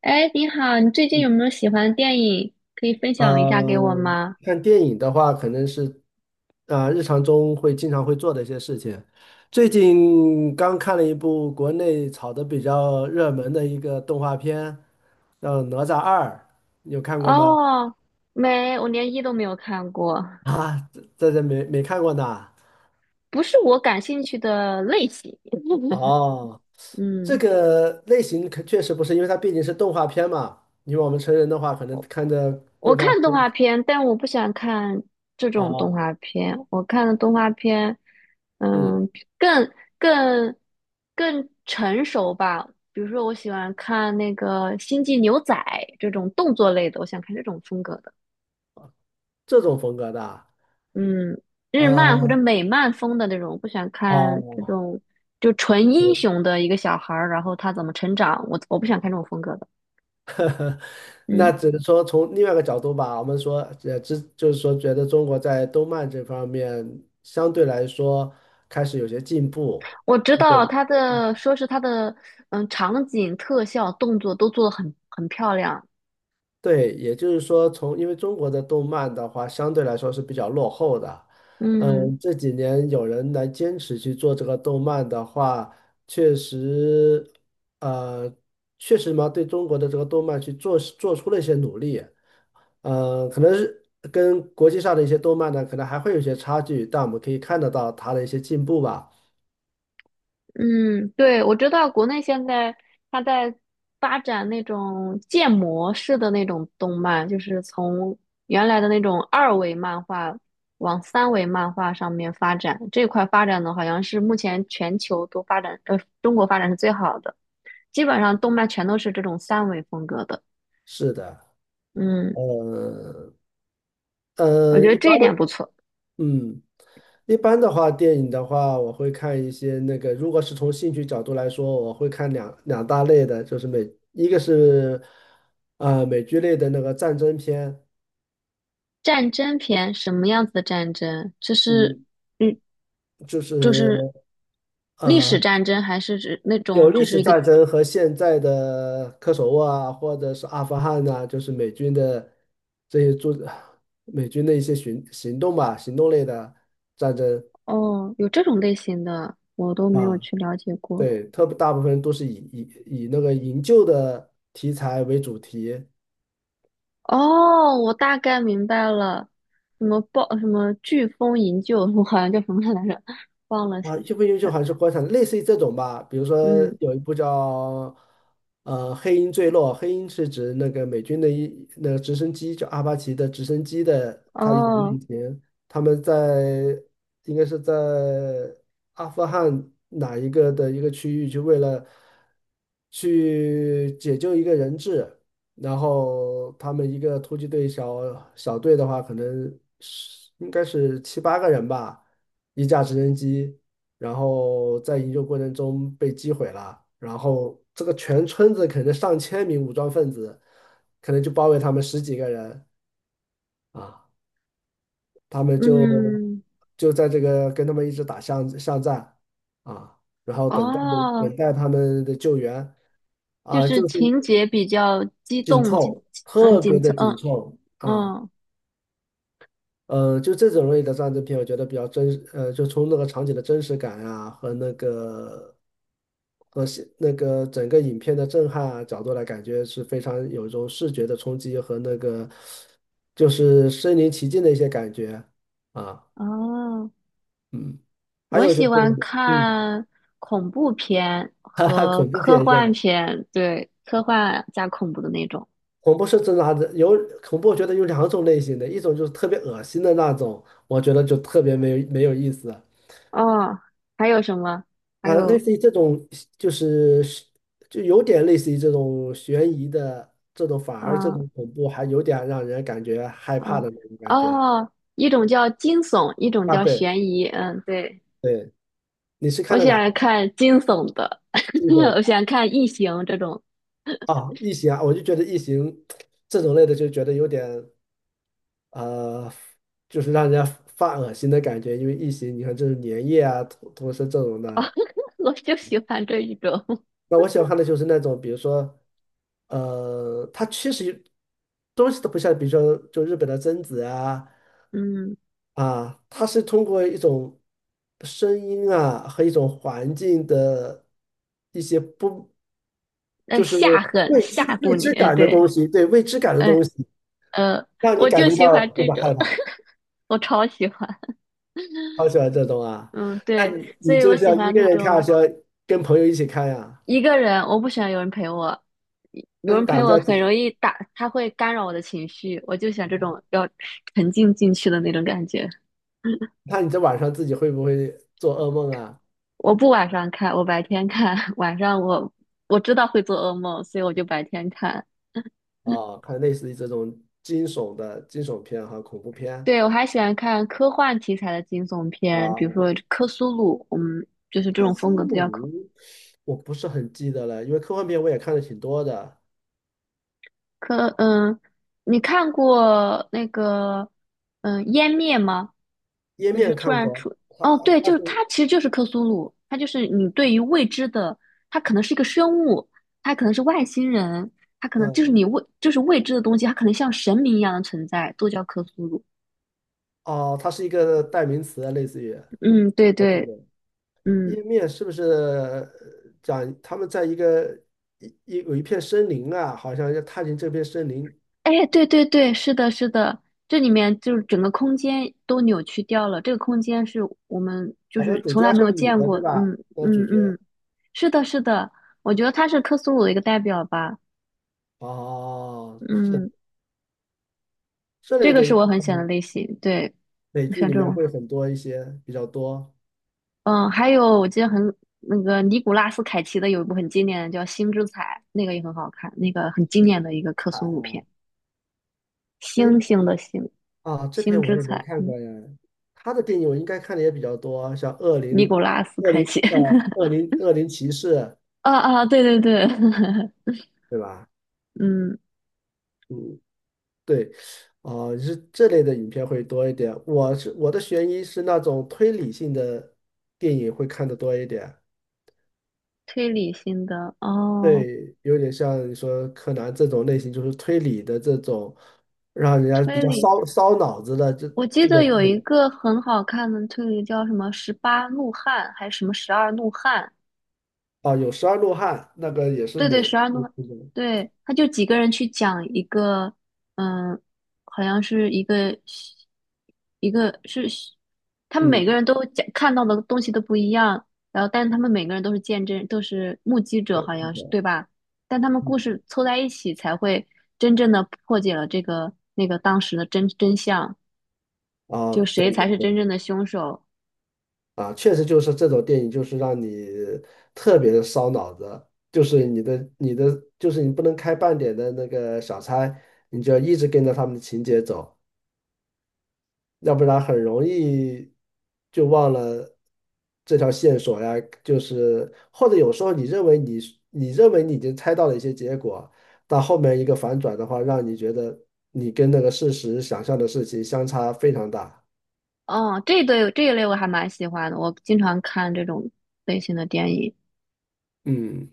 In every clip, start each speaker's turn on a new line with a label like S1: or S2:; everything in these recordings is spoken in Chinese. S1: 哎，你好，你最近有没有喜欢的电影可以分享一下给我
S2: 嗯，
S1: 吗？
S2: 看电影的话，可能是啊、日常中会经常会做的一些事情。最近刚看了一部国内炒的比较热门的一个动画片，叫《哪吒二》，你有看过吗？
S1: 哦，没，我连一都没有看过，
S2: 这没看过呢。
S1: 不是我感兴趣的类型。
S2: 哦，这
S1: 嗯，
S2: 个类型可确实不是，因为它毕竟是动画片嘛。因为我们成人的话，可能
S1: 我
S2: 看着
S1: 我
S2: 动
S1: 看
S2: 画
S1: 动
S2: 片。
S1: 画片，但我不想看这种动
S2: 哦，
S1: 画片。我看的动画片，
S2: 嗯，
S1: 嗯，更更更成熟吧。比如说，我喜欢看那个《星际牛仔》这种动作类的，我想看这种风格的。
S2: 这种风格的啊。
S1: 嗯，日漫或者
S2: 呃
S1: 美漫风的那种，不想看这
S2: 哦。
S1: 种就纯英雄的一个小孩儿，然后他怎么成长，我不想看这种风格的。
S2: 那
S1: 嗯，
S2: 只能说从另外一个角度吧，我们说，只就是说，觉得中国在动漫这方面相对来说开始有些进步。
S1: 我知
S2: 对，
S1: 道他的，说是他的，嗯，场景、特效、动作都做得很漂亮。
S2: 对也就是说从，因为中国的动漫的话，相对来说是比较落后的。
S1: 嗯，
S2: 嗯，这几年有人来坚持去做这个动漫的话，确实，呃，确实嘛，对中国的这个动漫去做出了一些努力。可能是跟国际上的一些动漫呢，可能还会有一些差距，但我们可以看得到它的一些进步吧。
S1: 嗯，对，我知道国内现在它在发展那种建模式的那种动漫，就是从原来的那种二维漫画往三维漫画上面发展。这块发展的好像是目前全球都发展，中国发展是最好的，基本上动漫全都是这种三维风格的。
S2: 是的。
S1: 嗯，
S2: 呃
S1: 我觉得
S2: 一
S1: 这
S2: 般，
S1: 一点不错。
S2: 嗯，一般的话，电影的话，我会看一些那个，如果是从兴趣角度来说，我会看两大类的，就是美，一个是美剧类的那个战争片，
S1: 战争片什么样子的战争？这是，
S2: 嗯，
S1: 嗯，
S2: 就
S1: 就
S2: 是。
S1: 是历史
S2: 呃。
S1: 战争，还是指那
S2: 有
S1: 种只
S2: 历
S1: 是
S2: 史
S1: 一个？
S2: 战争和现在的科索沃啊，或者是阿富汗呐、就是美军的这些做美军的一些行动吧，行动类的战争
S1: 哦，有这种类型的，我都没有
S2: 啊。
S1: 去了解过。
S2: 对，特别大部分都是以那个营救的题材为主题。
S1: 哦，我大概明白了，什么暴什么飓风营救，我好像叫什么来着，忘了。
S2: 啊，优不优秀还是国产，类似于这种吧。比如说
S1: 嗯，
S2: 有一部叫“黑鹰坠落”，黑鹰是指那个美军的一那个直升机，就阿帕奇的直升机的它一种类
S1: 哦，
S2: 型。他们在应该是在阿富汗哪一个的一个区域，就为了去解救一个人质，然后他们一个突击队小队的话，可能是应该是七八个人吧，一架直升机。然后在营救过程中被击毁了，然后这个全村子可能上千名武装分子，可能就包围他们十几个人啊，他们就
S1: 嗯，
S2: 就在这个跟他们一直打巷战啊，然后
S1: 哦，
S2: 等待他们的救援
S1: 就
S2: 啊，
S1: 是
S2: 就是
S1: 情节比较激
S2: 紧
S1: 动，激，
S2: 凑，
S1: 嗯，
S2: 特别
S1: 紧凑，
S2: 的
S1: 嗯，
S2: 紧凑啊。
S1: 嗯，
S2: 就这种类的战争片，我觉得比较真实。就从那个场景的真实感啊，和那个那个整个影片的震撼啊角度来，感觉是非常有一种视觉的冲击和那个就是身临其境的一些感觉啊。
S1: 哦。
S2: 嗯，还
S1: 我
S2: 有就
S1: 喜
S2: 是，
S1: 欢
S2: 嗯。
S1: 看恐怖片
S2: 哈哈，
S1: 和
S2: 恐怖
S1: 科
S2: 片是吧？
S1: 幻片，对，科幻加恐怖的那种。
S2: 恐怖是真的还是有恐怖，我觉得有两种类型的，一种就是特别恶心的那种，我觉得就特别没有意思
S1: 哦，还有什么？还
S2: 啊，类
S1: 有，
S2: 似于这种就是就有点类似于这种悬疑的这种，反而这
S1: 嗯
S2: 种恐怖还有点让人感觉害怕
S1: 嗯
S2: 的那种感觉
S1: 哦，一种叫惊悚，一种
S2: 啊。
S1: 叫
S2: 对
S1: 悬疑。嗯，对，
S2: 对，你是
S1: 我
S2: 看的
S1: 喜
S2: 哪
S1: 欢看惊悚的，
S2: 这种
S1: 我喜
S2: 的
S1: 欢看异形这种，
S2: 啊？异形啊，我就觉得异形这种类的就觉得有点呃，就是让人家发恶心的感觉，因为异形你看这种粘液啊、同时这种
S1: 哦，
S2: 的。
S1: 我就喜欢这一种。
S2: 那我喜欢看的就是那种，比如说它其实东西都不像，比如说就日本的贞子啊。
S1: 嗯，
S2: 啊，它是通过一种声音啊和一种环境的一些不，就是
S1: 吓很
S2: 未
S1: 吓
S2: 知未
S1: 唬你。
S2: 知
S1: 嗯，
S2: 感的
S1: 对，
S2: 东西，对未知感的
S1: 嗯
S2: 东西，
S1: 呃，
S2: 让你
S1: 我
S2: 感
S1: 就
S2: 觉
S1: 喜欢
S2: 到那
S1: 这
S2: 个
S1: 种，
S2: 害怕。
S1: 我超喜欢。
S2: 好喜欢这种啊，
S1: 嗯，
S2: 那
S1: 对，
S2: 你
S1: 所
S2: 你
S1: 以
S2: 这
S1: 我
S2: 个是
S1: 喜
S2: 要一
S1: 欢
S2: 个
S1: 那
S2: 人看，还
S1: 种
S2: 是要跟朋友一起看呀？
S1: 一个人，我不喜欢有人陪我，有
S2: 那你
S1: 人陪
S2: 胆子
S1: 我
S2: 要
S1: 很
S2: 挺
S1: 容易打，他会干扰我的情绪，我就喜欢这种要沉浸进去的那种感觉。
S2: 那你这晚上自己会不会做噩梦啊？
S1: 我不晚上看，我白天看，晚上我我知道会做噩梦，所以我就白天看。
S2: 啊，看类似于这种惊悚的惊悚片和恐怖片
S1: 对，我还喜欢看科幻题材的惊悚片，
S2: 啊，
S1: 比如说《科苏鲁》，嗯，就是这
S2: 克
S1: 种
S2: 苏
S1: 风格比较科
S2: 鲁。我不是很记得了，因为科幻片我也看的挺多的，
S1: 科。嗯，你看过那个嗯《湮灭》吗？
S2: 《页
S1: 就
S2: 面》
S1: 是突
S2: 看
S1: 然
S2: 过，
S1: 出，
S2: 它
S1: 哦，对，
S2: 它
S1: 就是它
S2: 是
S1: 其实就是克苏鲁，它就是你对于未知的，它可能是一个生物，它可能是外星人，它可能就是
S2: 嗯。
S1: 你未就是未知的东西，它可能像神明一样的存在，都叫克苏鲁。
S2: 哦，它是一个代名词啊，类似于
S1: 嗯，对
S2: 哦，对
S1: 对，
S2: 对，
S1: 嗯，
S2: 《页面》是不是讲他们在一个一有一片森林啊，好像要踏进这片森林，
S1: 哎，对对对，是的，是的，这里面就是整个空间都扭曲掉了，这个空间是我们就
S2: 好像
S1: 是
S2: 主
S1: 从
S2: 角
S1: 来
S2: 要
S1: 没
S2: 是
S1: 有
S2: 个女
S1: 见
S2: 的，
S1: 过，
S2: 对吧？
S1: 嗯
S2: 那个主
S1: 嗯
S2: 角
S1: 嗯，是的，是的，我觉得它是克苏鲁的一个代表吧，
S2: 哦，是
S1: 嗯。
S2: 这
S1: 这
S2: 类
S1: 个
S2: 的。
S1: 是我很喜欢的
S2: 嗯，
S1: 类型，对，
S2: 美
S1: 我喜
S2: 剧
S1: 欢
S2: 里
S1: 这
S2: 面
S1: 种。
S2: 会很多一些比较多
S1: 嗯，还有我记得很那个尼古拉斯凯奇的有一部很经典的叫《星之彩》，那个也很好看，那个很经典的一个克
S2: 彩啊。
S1: 苏鲁片，
S2: 哎，
S1: 星星的星，
S2: 啊，这
S1: 星
S2: 篇我
S1: 之
S2: 也没
S1: 彩，
S2: 看
S1: 嗯，
S2: 过呀。他的电影我应该看的也比较多，像《恶灵》
S1: 尼古拉斯
S2: 《恶
S1: 凯
S2: 灵》
S1: 奇，
S2: 呃，《恶灵骑士》，
S1: 啊啊，对对对，
S2: 对吧？
S1: 嗯，
S2: 嗯，对。哦、是这类的影片会多一点。我的悬疑是那种推理性的电影会看的多一点。
S1: 推理型的哦，
S2: 对，有点像你说柯南这种类型，就是推理的这种，让人家比
S1: 推
S2: 较
S1: 理，
S2: 烧脑子的这
S1: 我记
S2: 这种
S1: 得有
S2: 类
S1: 一
S2: 型。
S1: 个很好看的推理叫什么《十八怒汉》还是什么《十二怒汉》，
S2: 啊，有《十二怒汉》，那个也是
S1: 对对，
S2: 美，
S1: 十二怒汉对，他就几个人去讲一个，嗯，好像是一个一个是他们每个
S2: 嗯，
S1: 人都讲看到的东西都不一样，然后但是他们每个人都是见证，都是目击者，
S2: 对，
S1: 好像是对吧？但他们故事
S2: 嗯。
S1: 凑在一起才会真正的破解了这个那个当时的真相，
S2: 啊，
S1: 就谁
S2: 对对
S1: 才是真
S2: 对。
S1: 正的凶手。
S2: 啊，确实就是这种电影，就是让你特别的烧脑子，就是你的，就是你不能开半点的那个小差，你就要一直跟着他们的情节走，要不然很容易就忘了这条线索呀，就是或者有时候你认为你已经猜到了一些结果，但后面一个反转的话，让你觉得你跟那个事实想象的事情相差非常大。
S1: 哦，这一对这一类我还蛮喜欢的，我经常看这种类型的电影。
S2: 嗯。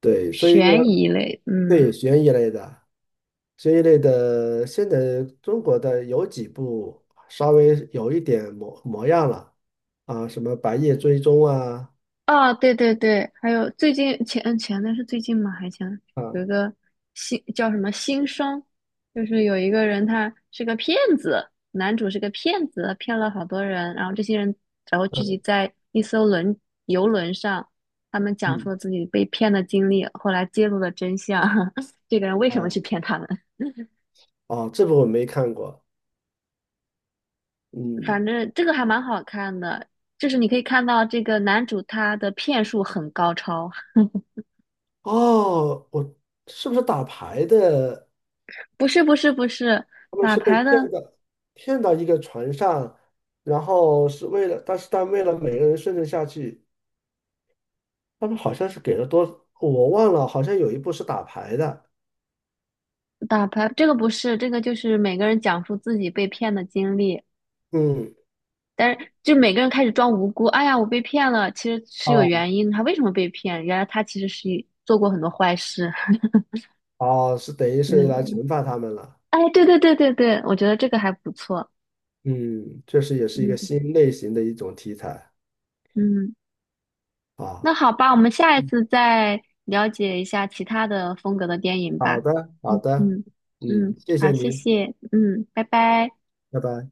S2: 对，所以说
S1: 悬疑类，嗯，
S2: 对悬疑类的，悬疑类的，现在中国的有几部稍微有一点模模样了啊，什么《白夜追踪》啊。
S1: 啊，对对对，还有最近前段是最近吗？还前
S2: 啊，
S1: 有一个新叫什么新生，就是有一个人他是个骗子，男主是个骗子，骗了好多人，然后这些人然后聚集
S2: 嗯
S1: 在一艘轮游轮上，他们讲述
S2: 嗯。
S1: 了自己被骗的经历，后来揭露了真相，这个人为什么去
S2: 哦
S1: 骗他们？
S2: 哦，这部我没看过。嗯，
S1: 反正这个还蛮好看的，就是你可以看到这个男主他的骗术很高超，
S2: 哦，我是不是打牌的？
S1: 不是不是不是
S2: 他们
S1: 打
S2: 是被
S1: 牌的。
S2: 骗的，骗到一个船上，然后是为了，但为了每个人生存下去，他们好像是给了多，我忘了，好像有一部是打牌的。
S1: 打牌这个不是，这个就是每个人讲述自己被骗的经历，
S2: 嗯。
S1: 但是就每个人开始装无辜。哎呀，我被骗了，其实是有
S2: 哦
S1: 原因，他为什么被骗？原来他其实是一做过很多坏事。
S2: 哦，是等于是
S1: 嗯，
S2: 来惩罚他们了。
S1: 哎，对对对对对，我觉得这个还不错。
S2: 嗯，确实也是一个
S1: 嗯
S2: 新类型的一种题材
S1: 嗯，那
S2: 啊。
S1: 好吧，我们下一
S2: 嗯，
S1: 次再了解一下其他的风格的电影
S2: 好
S1: 吧。
S2: 的，好
S1: 嗯
S2: 的，
S1: 嗯
S2: 嗯，
S1: 嗯，
S2: 谢
S1: 好，
S2: 谢
S1: 谢
S2: 您，
S1: 谢，嗯，拜拜。
S2: 拜拜。